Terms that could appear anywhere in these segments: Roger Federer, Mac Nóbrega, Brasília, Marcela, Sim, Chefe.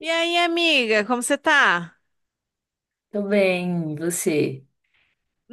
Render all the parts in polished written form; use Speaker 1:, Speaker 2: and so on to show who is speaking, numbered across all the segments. Speaker 1: E aí, amiga, como você tá?
Speaker 2: Tô bem, e você?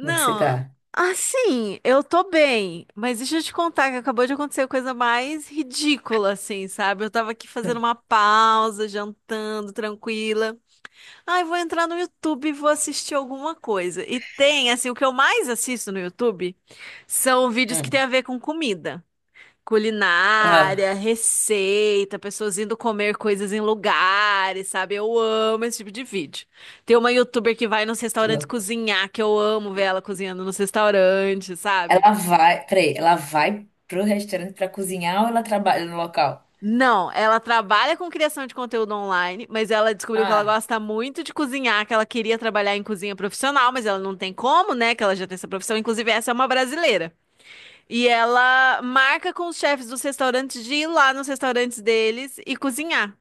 Speaker 2: Como é que você tá?
Speaker 1: assim, eu tô bem, mas deixa eu te contar que acabou de acontecer a coisa mais ridícula, assim, sabe? Eu tava aqui fazendo uma pausa, jantando, tranquila. Ai, vou entrar no YouTube e vou assistir alguma coisa. E tem, assim, o que eu mais assisto no YouTube são vídeos que tem
Speaker 2: Hum.
Speaker 1: a ver com comida.
Speaker 2: Ah,
Speaker 1: Culinária, receita, pessoas indo comer coisas em lugares, sabe? Eu amo esse tipo de vídeo. Tem uma youtuber que vai nos
Speaker 2: que
Speaker 1: restaurantes
Speaker 2: lou-
Speaker 1: cozinhar, que eu amo ver ela cozinhando nos restaurantes, sabe?
Speaker 2: ela vai, peraí, ela vai pro restaurante pra cozinhar ou ela trabalha no local?
Speaker 1: Não, ela trabalha com criação de conteúdo online, mas ela descobriu que ela
Speaker 2: Ah,
Speaker 1: gosta muito de cozinhar, que ela queria trabalhar em cozinha profissional, mas ela não tem como, né? Que ela já tem essa profissão. Inclusive, essa é uma brasileira. E ela marca com os chefes dos restaurantes de ir lá nos restaurantes deles e cozinhar.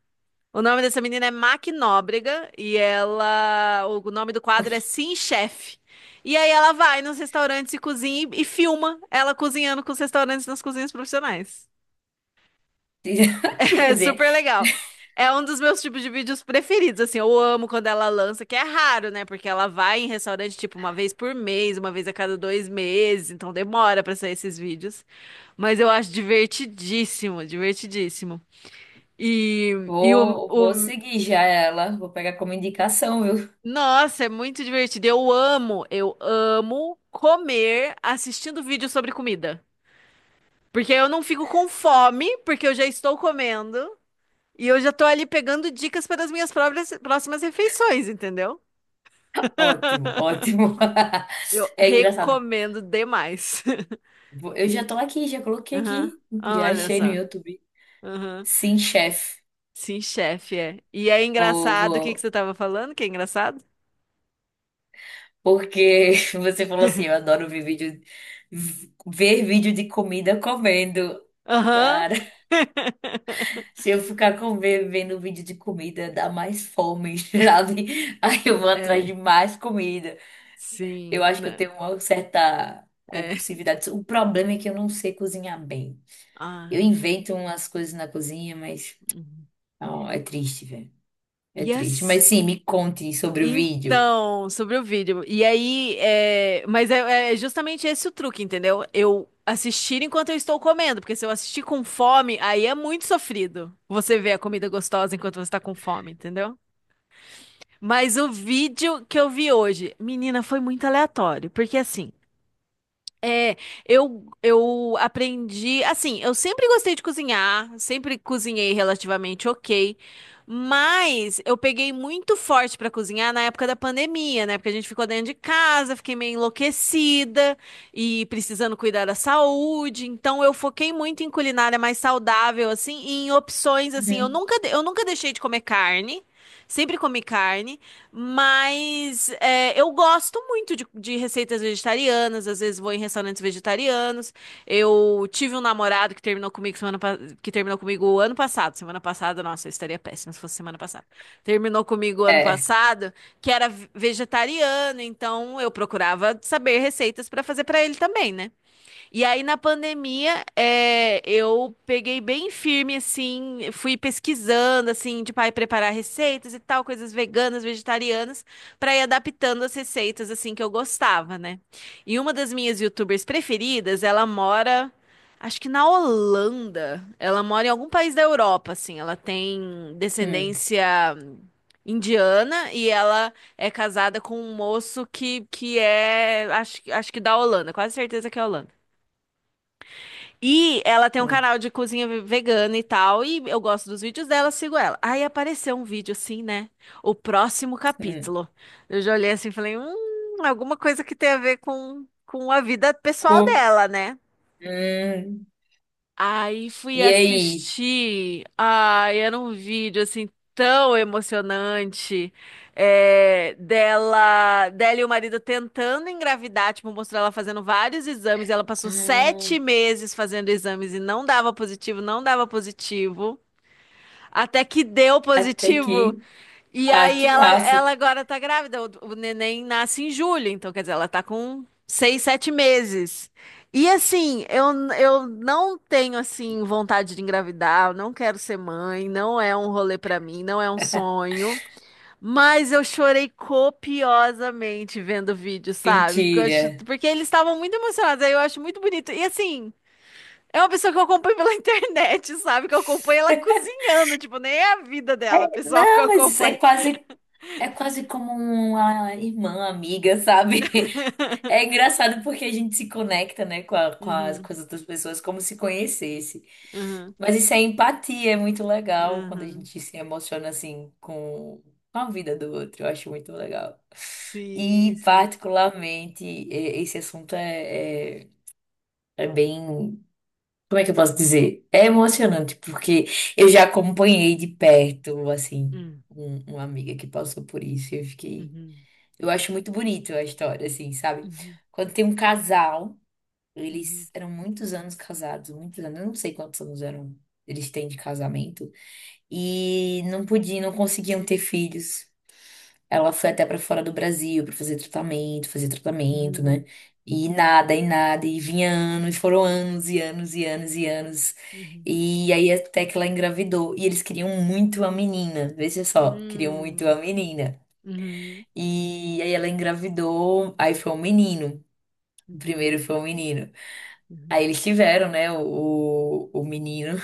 Speaker 1: O nome dessa menina é Mac Nóbrega e ela, o nome do quadro é Sim, Chefe. E aí ela vai nos restaurantes e cozinha e filma ela cozinhando com os restaurantes nas cozinhas profissionais.
Speaker 2: que
Speaker 1: É
Speaker 2: resenha.
Speaker 1: super legal. É um dos meus tipos de vídeos preferidos, assim, eu amo quando ela lança, que é raro, né? Porque ela vai em restaurante, tipo, uma vez por mês, uma vez a cada 2 meses, então demora pra sair esses vídeos. Mas eu acho divertidíssimo, divertidíssimo. E
Speaker 2: Vou,
Speaker 1: o
Speaker 2: vou seguir já ela, vou pegar como indicação, viu?
Speaker 1: Nossa, é muito divertido. Eu amo comer assistindo vídeo sobre comida. Porque eu não fico com fome, porque eu já estou comendo e eu já estou ali pegando dicas para as minhas próximas refeições, entendeu?
Speaker 2: Ótimo, ótimo.
Speaker 1: Eu
Speaker 2: É engraçado.
Speaker 1: recomendo demais.
Speaker 2: Eu já tô aqui, já coloquei
Speaker 1: Aham,
Speaker 2: aqui, já
Speaker 1: olha
Speaker 2: achei no
Speaker 1: só.
Speaker 2: YouTube.
Speaker 1: Aham.
Speaker 2: Sim, chefe.
Speaker 1: Sim, chefe, é. E é
Speaker 2: Vou,
Speaker 1: engraçado, o que que
Speaker 2: vou.
Speaker 1: você estava falando que é engraçado?
Speaker 2: Porque você falou assim, eu adoro ver vídeo, ver vídeo de comida comendo.
Speaker 1: Aham.
Speaker 2: Cara, se eu ficar com, vendo vídeo de comida, dá mais fome, sabe? Aí eu vou atrás de
Speaker 1: É,
Speaker 2: mais comida. Eu
Speaker 1: sim,
Speaker 2: acho que eu
Speaker 1: né?
Speaker 2: tenho uma certa
Speaker 1: É.
Speaker 2: compulsividade. O problema é que eu não sei cozinhar bem. Eu
Speaker 1: Ah.
Speaker 2: invento umas coisas na cozinha, mas
Speaker 1: Uhum.
Speaker 2: ó, é triste, velho. É triste.
Speaker 1: Yes.
Speaker 2: Mas sim, me conte sobre o vídeo.
Speaker 1: Então, sobre o vídeo. E aí, mas é justamente esse o truque, entendeu? Eu assistir enquanto eu estou comendo, porque se eu assistir com fome, aí é muito sofrido. Você vê a comida gostosa enquanto você está com fome, entendeu? Mas o vídeo que eu vi hoje, menina, foi muito aleatório, porque assim, é, eu aprendi, assim, eu sempre gostei de cozinhar, sempre cozinhei relativamente ok, mas eu peguei muito forte pra cozinhar na época da pandemia, né? Porque a gente ficou dentro de casa, fiquei meio enlouquecida e precisando cuidar da saúde, então eu foquei muito em culinária mais saudável, assim, e em opções, assim, eu
Speaker 2: Uhum.
Speaker 1: nunca, de- eu nunca deixei de comer carne, sempre comi carne, mas eu gosto muito de receitas vegetarianas, às vezes vou em restaurantes vegetarianos. Eu tive um namorado que terminou comigo que terminou comigo o ano passado. Semana passada, nossa, eu estaria péssima se fosse semana passada. Terminou comigo o ano
Speaker 2: É.
Speaker 1: passado, que era vegetariano, então eu procurava saber receitas pra fazer pra ele também, né? E aí, na pandemia, eu peguei bem firme, assim, fui pesquisando, assim, de aí preparar receitas e tal, coisas veganas, vegetarianas, para ir adaptando as receitas, assim, que eu gostava, né? E uma das minhas YouTubers preferidas, ela mora, acho que na Holanda, ela mora em algum país da Europa, assim, ela tem
Speaker 2: Hum,
Speaker 1: descendência indiana e ela é casada com um moço que é, acho, acho que da Holanda, quase certeza que é holanda. E ela tem um
Speaker 2: hum,
Speaker 1: canal de cozinha vegana e tal, e eu gosto dos vídeos dela, sigo ela. Aí apareceu um vídeo assim, né? O próximo
Speaker 2: hum.
Speaker 1: capítulo. Eu já olhei assim e falei, alguma coisa que tem a ver com a vida pessoal
Speaker 2: Co-
Speaker 1: dela, né?
Speaker 2: hum.
Speaker 1: Aí fui
Speaker 2: E aí?
Speaker 1: assistir. Ai, era um vídeo assim tão emocionante, dela e o marido tentando engravidar, tipo, mostrou ela fazendo vários exames. Ela passou
Speaker 2: Ah,
Speaker 1: 7 meses fazendo exames e não dava positivo, não dava positivo, até que deu
Speaker 2: até
Speaker 1: positivo.
Speaker 2: aqui.
Speaker 1: E
Speaker 2: Ah,
Speaker 1: aí
Speaker 2: que
Speaker 1: ela,
Speaker 2: massa.
Speaker 1: ela agora tá grávida. O neném nasce em julho, então quer dizer, ela tá com 6, 7 meses. E assim, eu não tenho assim vontade de engravidar, eu não quero ser mãe, não é um rolê pra mim, não é um sonho, mas eu chorei copiosamente vendo o vídeo, sabe? Porque eu
Speaker 2: Mentira.
Speaker 1: acho, porque eles estavam muito emocionados, aí eu acho muito bonito. E assim, é uma pessoa que eu acompanho pela internet, sabe? Que eu acompanho ela cozinhando, tipo, nem é a vida dela, pessoal, que eu
Speaker 2: Não, mas
Speaker 1: acompanho.
Speaker 2: é quase como uma irmã, amiga, sabe? É engraçado porque a gente se conecta, né,
Speaker 1: Uhum,
Speaker 2: com as outras pessoas como se conhecesse.
Speaker 1: uhum,
Speaker 2: Mas isso é empatia, é muito legal quando a
Speaker 1: uhum.
Speaker 2: gente se emociona assim com a vida do outro. Eu acho muito legal.
Speaker 1: Sim,
Speaker 2: E
Speaker 1: sim.
Speaker 2: particularmente, esse assunto é, é, é bem. Como é que eu posso dizer? É emocionante, porque eu já acompanhei de perto, assim,
Speaker 1: Hum.
Speaker 2: uma amiga que passou por isso. Eu fiquei.
Speaker 1: Uhum,
Speaker 2: Eu acho muito bonito a história, assim, sabe?
Speaker 1: uhum,
Speaker 2: Quando tem um casal,
Speaker 1: uhum,
Speaker 2: eles eram muitos anos casados, muitos anos, eu não sei quantos anos eram, eles têm de casamento, e não podiam, não conseguiam ter filhos. Ela foi até pra fora do Brasil pra fazer tratamento, né?
Speaker 1: uhum,
Speaker 2: E nada, e nada, e vinha anos, foram anos e anos e anos e anos.
Speaker 1: uhum.
Speaker 2: E aí até que ela engravidou. E eles queriam muito a menina, veja só, queriam muito
Speaker 1: Hum,
Speaker 2: a menina.
Speaker 1: uhum,
Speaker 2: E aí ela engravidou, aí foi um menino. O
Speaker 1: uhum,
Speaker 2: primeiro foi um menino.
Speaker 1: uhum.
Speaker 2: Aí eles tiveram, né, o menino.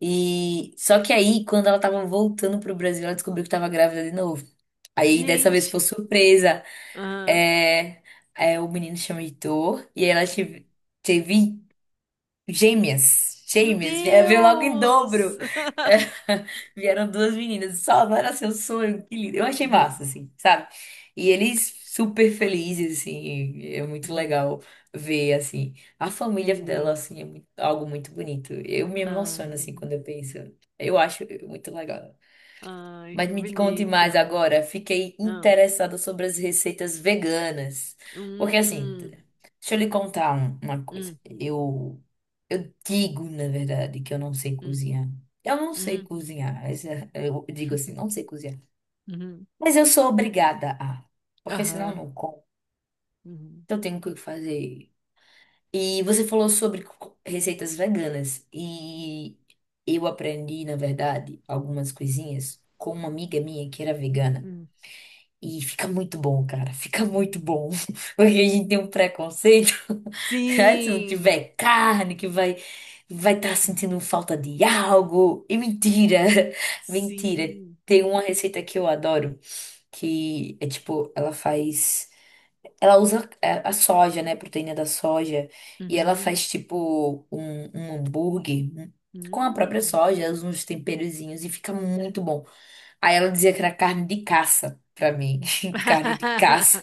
Speaker 2: E só que aí, quando ela tava voltando pro Brasil, ela descobriu que tava grávida de novo. Aí dessa vez foi
Speaker 1: Gente,
Speaker 2: surpresa.
Speaker 1: ah,
Speaker 2: É, é, o menino chama Heitor e aí ela
Speaker 1: uhum.
Speaker 2: teve, teve gêmeas.
Speaker 1: Meu
Speaker 2: Gêmeas, veio logo em
Speaker 1: Deus!
Speaker 2: dobro. É, vieram duas meninas. Só não era seu sonho, que lindo. Eu achei massa,
Speaker 1: Uhum,
Speaker 2: assim, sabe? E eles super felizes, assim, é muito
Speaker 1: uhum.
Speaker 2: legal ver, assim, a família dela,
Speaker 1: Sim.
Speaker 2: assim, é algo muito bonito. Eu me
Speaker 1: Ah,
Speaker 2: emociono, assim, quando eu penso. Eu acho muito legal.
Speaker 1: ai,
Speaker 2: Mas
Speaker 1: que
Speaker 2: me conte mais
Speaker 1: bonito.
Speaker 2: agora. Fiquei
Speaker 1: Ah,
Speaker 2: interessada sobre as receitas veganas. Porque assim,
Speaker 1: hum,
Speaker 2: deixa eu lhe contar uma coisa.
Speaker 1: hum,
Speaker 2: Eu digo, na verdade, que eu não sei
Speaker 1: hum,
Speaker 2: cozinhar. Eu não sei
Speaker 1: uhum,
Speaker 2: cozinhar. Eu digo assim, não sei cozinhar.
Speaker 1: uhum,
Speaker 2: Mas eu sou obrigada a. Porque senão eu
Speaker 1: aham,
Speaker 2: não como.
Speaker 1: uhum,
Speaker 2: Então eu tenho que fazer. E você falou sobre receitas veganas. E eu aprendi, na verdade, algumas coisinhas com uma amiga minha que era vegana.
Speaker 1: uhum,
Speaker 2: E fica muito bom, cara. Fica
Speaker 1: uhum.
Speaker 2: muito bom. Porque a gente tem um preconceito. né? Se não
Speaker 1: Sim!
Speaker 2: tiver carne, que vai vai estar
Speaker 1: Uhum.
Speaker 2: sentindo falta de algo. E mentira. Mentira.
Speaker 1: Sim.
Speaker 2: Tem uma receita que eu adoro, que é tipo, ela faz. Ela usa é, a soja, né? a Proteína da soja. E ela
Speaker 1: Uhum.
Speaker 2: faz tipo um, um hambúrguer com a própria
Speaker 1: Hum.
Speaker 2: soja, usa uns temperozinhos e fica muito bom. Aí ela dizia que era carne de caça pra mim, carne de caça.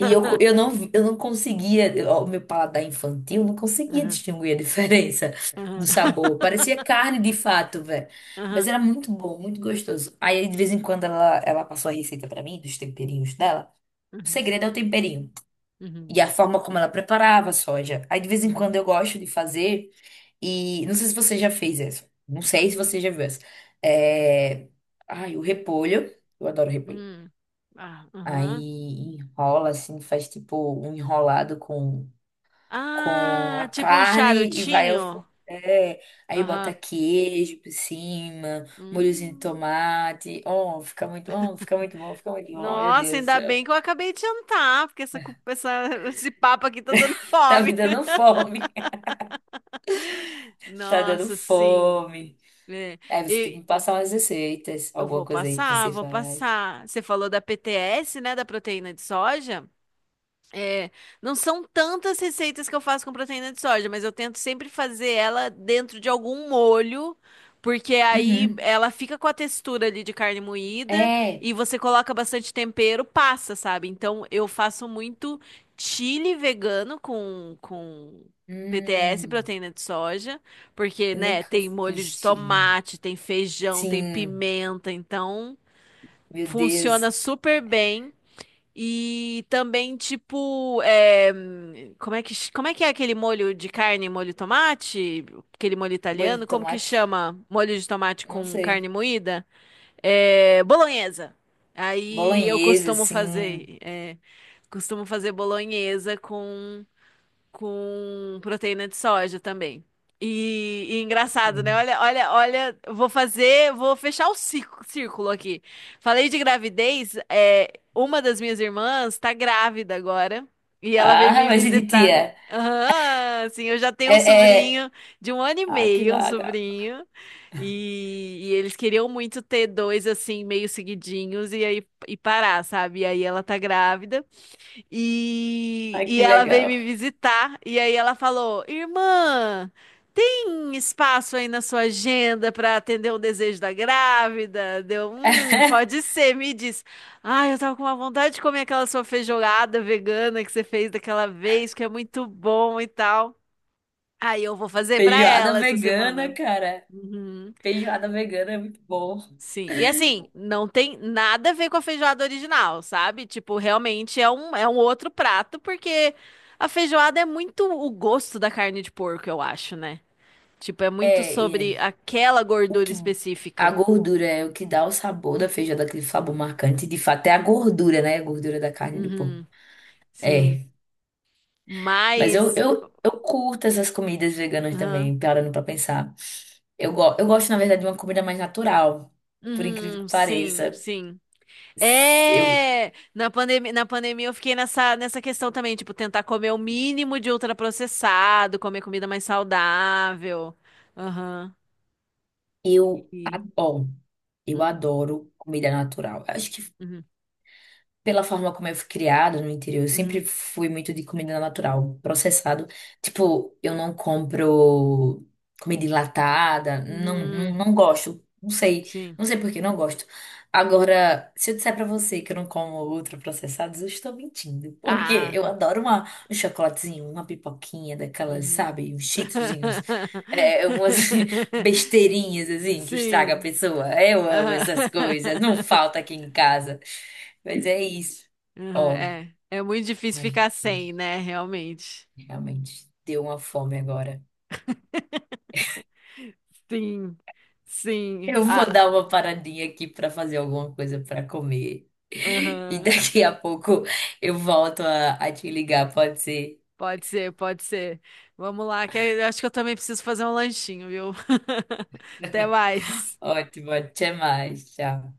Speaker 2: E eu não conseguia, ó, o meu paladar infantil não conseguia
Speaker 1: Uhum.
Speaker 2: distinguir a diferença
Speaker 1: Uhum.
Speaker 2: do sabor. Parecia carne de fato, velho. Mas
Speaker 1: Uhum.
Speaker 2: era muito bom, muito gostoso. Aí de vez em quando ela passou a receita pra mim, dos temperinhos dela. O segredo é o temperinho.
Speaker 1: Uhum.
Speaker 2: E
Speaker 1: Uhum.
Speaker 2: a forma como ela preparava a soja. Aí de vez em
Speaker 1: Uhum.
Speaker 2: quando eu gosto de fazer. E não sei se você já fez essa. Não sei se
Speaker 1: Uhum.
Speaker 2: você já viu essa. É... Ai, o repolho. Eu adoro repolho.
Speaker 1: Uhum. Ah, uhum.
Speaker 2: Aí enrola assim, faz tipo um enrolado com a
Speaker 1: Ah, tipo um
Speaker 2: carne e vai ao
Speaker 1: charutinho.
Speaker 2: forno. É, aí bota
Speaker 1: Aham.
Speaker 2: queijo por cima, molhozinho de
Speaker 1: Hum.
Speaker 2: tomate. Oh, fica muito bom, fica muito bom. Meu
Speaker 1: Nossa,
Speaker 2: Deus do
Speaker 1: ainda
Speaker 2: céu.
Speaker 1: bem que eu acabei de jantar, porque esse papo aqui tá dando
Speaker 2: Tá me
Speaker 1: fome.
Speaker 2: dando fome. Tá dando
Speaker 1: Nossa, sim.
Speaker 2: fome.
Speaker 1: É.
Speaker 2: É, você tem que
Speaker 1: E
Speaker 2: me passar umas receitas,
Speaker 1: eu
Speaker 2: alguma
Speaker 1: vou
Speaker 2: coisa aí que
Speaker 1: passar,
Speaker 2: você
Speaker 1: vou
Speaker 2: faz.
Speaker 1: passar. Você falou da PTS, né, da proteína de soja? É, não são tantas receitas que eu faço com proteína de soja, mas eu tento sempre fazer ela dentro de algum molho, porque aí
Speaker 2: Uhum.
Speaker 1: ela fica com a textura ali de carne moída
Speaker 2: É.
Speaker 1: e você coloca bastante tempero, passa, sabe? Então eu faço muito chili vegano com, PTS,
Speaker 2: Hum,
Speaker 1: proteína de soja, porque,
Speaker 2: eu
Speaker 1: né,
Speaker 2: nunca
Speaker 1: tem molho
Speaker 2: fiz
Speaker 1: de
Speaker 2: chili.
Speaker 1: tomate, tem feijão, tem
Speaker 2: Sim,
Speaker 1: pimenta, então
Speaker 2: meu Deus.
Speaker 1: funciona super bem. E também, tipo, como é que é aquele molho de carne, molho tomate? Aquele molho
Speaker 2: Molho de
Speaker 1: italiano, como que
Speaker 2: tomate?
Speaker 1: chama? Molho de tomate
Speaker 2: Não
Speaker 1: com
Speaker 2: sei.
Speaker 1: carne moída? É, bolonhesa. Aí eu
Speaker 2: Bolonhesa,
Speaker 1: costumo
Speaker 2: assim.
Speaker 1: fazer, é, costumo fazer bolonhesa com proteína de soja também. E engraçado, né? Olha, olha, olha, eu vou fazer, vou fechar o círculo aqui. Falei de gravidez, uma das minhas irmãs tá grávida agora e ela veio
Speaker 2: Ah,
Speaker 1: me
Speaker 2: vai ser de
Speaker 1: visitar.
Speaker 2: tia.
Speaker 1: Aham, sim, eu já tenho
Speaker 2: É,
Speaker 1: um
Speaker 2: é.
Speaker 1: sobrinho de um ano e
Speaker 2: Ah, que
Speaker 1: meio, um
Speaker 2: legal.
Speaker 1: sobrinho, e eles queriam muito ter dois assim, meio seguidinhos, e aí e parar, sabe? E aí ela tá grávida. E,
Speaker 2: Ah,
Speaker 1: e
Speaker 2: que
Speaker 1: ela veio
Speaker 2: legal.
Speaker 1: me visitar e aí ela falou: Irmã, tem espaço aí na sua agenda para atender o desejo da grávida? Deu, pode ser, me diz. Ai, eu tava com uma vontade de comer aquela sua feijoada vegana que você fez daquela vez, que é muito bom e tal. Aí eu vou fazer para
Speaker 2: Feijoada
Speaker 1: ela essa
Speaker 2: vegana,
Speaker 1: semana.
Speaker 2: cara.
Speaker 1: Uhum.
Speaker 2: Feijoada vegana é muito bom.
Speaker 1: Sim. E assim, não tem nada a ver com a feijoada original, sabe? Tipo, realmente é um outro prato, porque a feijoada é muito o gosto da carne de porco, eu acho, né? Tipo, é muito
Speaker 2: É,
Speaker 1: sobre aquela
Speaker 2: o
Speaker 1: gordura
Speaker 2: que a
Speaker 1: específica.
Speaker 2: gordura é o que dá o sabor da feijoada, aquele sabor marcante. De fato, é a gordura, né? A gordura da carne do porco.
Speaker 1: Uhum, sim.
Speaker 2: É. Mas
Speaker 1: Mas.
Speaker 2: eu curto essas comidas veganas
Speaker 1: Aham.
Speaker 2: também, parando pra pensar. Eu gosto, na verdade, de uma comida mais natural, por incrível que
Speaker 1: Uhum, sim,
Speaker 2: pareça.
Speaker 1: sim.
Speaker 2: Eu,
Speaker 1: É, na pandemia eu fiquei nessa questão também, tipo, tentar comer o mínimo de ultraprocessado, comer comida mais saudável. Aham. E,
Speaker 2: ó, eu
Speaker 1: hum,
Speaker 2: adoro comida natural. Acho que
Speaker 1: uhum,
Speaker 2: pela forma como eu fui criada no interior, eu sempre
Speaker 1: uhum,
Speaker 2: fui muito de comida natural, processado. Tipo, eu não compro comida enlatada, não, não,
Speaker 1: uhum,
Speaker 2: não gosto. Não sei,
Speaker 1: sim.
Speaker 2: não sei por que não gosto. Agora, se eu disser pra você que eu não como ultraprocessados, eu estou mentindo. Porque
Speaker 1: Ah,
Speaker 2: eu adoro uma, um chocolatezinho, uma pipoquinha daquelas,
Speaker 1: uhum.
Speaker 2: sabe? Uns cheetozinhos. É, umas besteirinhas, assim, que estraga a
Speaker 1: Sim.
Speaker 2: pessoa. Eu amo
Speaker 1: Ah.
Speaker 2: essas coisas. Não falta aqui em casa. Mas é isso.
Speaker 1: Uhum.
Speaker 2: Ó,
Speaker 1: É, é muito difícil
Speaker 2: mas
Speaker 1: ficar
Speaker 2: eu
Speaker 1: sem, né? Realmente.
Speaker 2: realmente deu uma fome agora.
Speaker 1: Sim, sim.
Speaker 2: Eu
Speaker 1: Ah,
Speaker 2: vou dar uma paradinha aqui para fazer alguma coisa para comer. E
Speaker 1: aham.
Speaker 2: daqui a pouco eu volto a te ligar, pode ser?
Speaker 1: Pode ser, pode ser. Vamos lá, que eu acho que eu também preciso fazer um lanchinho, viu? Até mais.
Speaker 2: Ótimo, até mais. Tchau.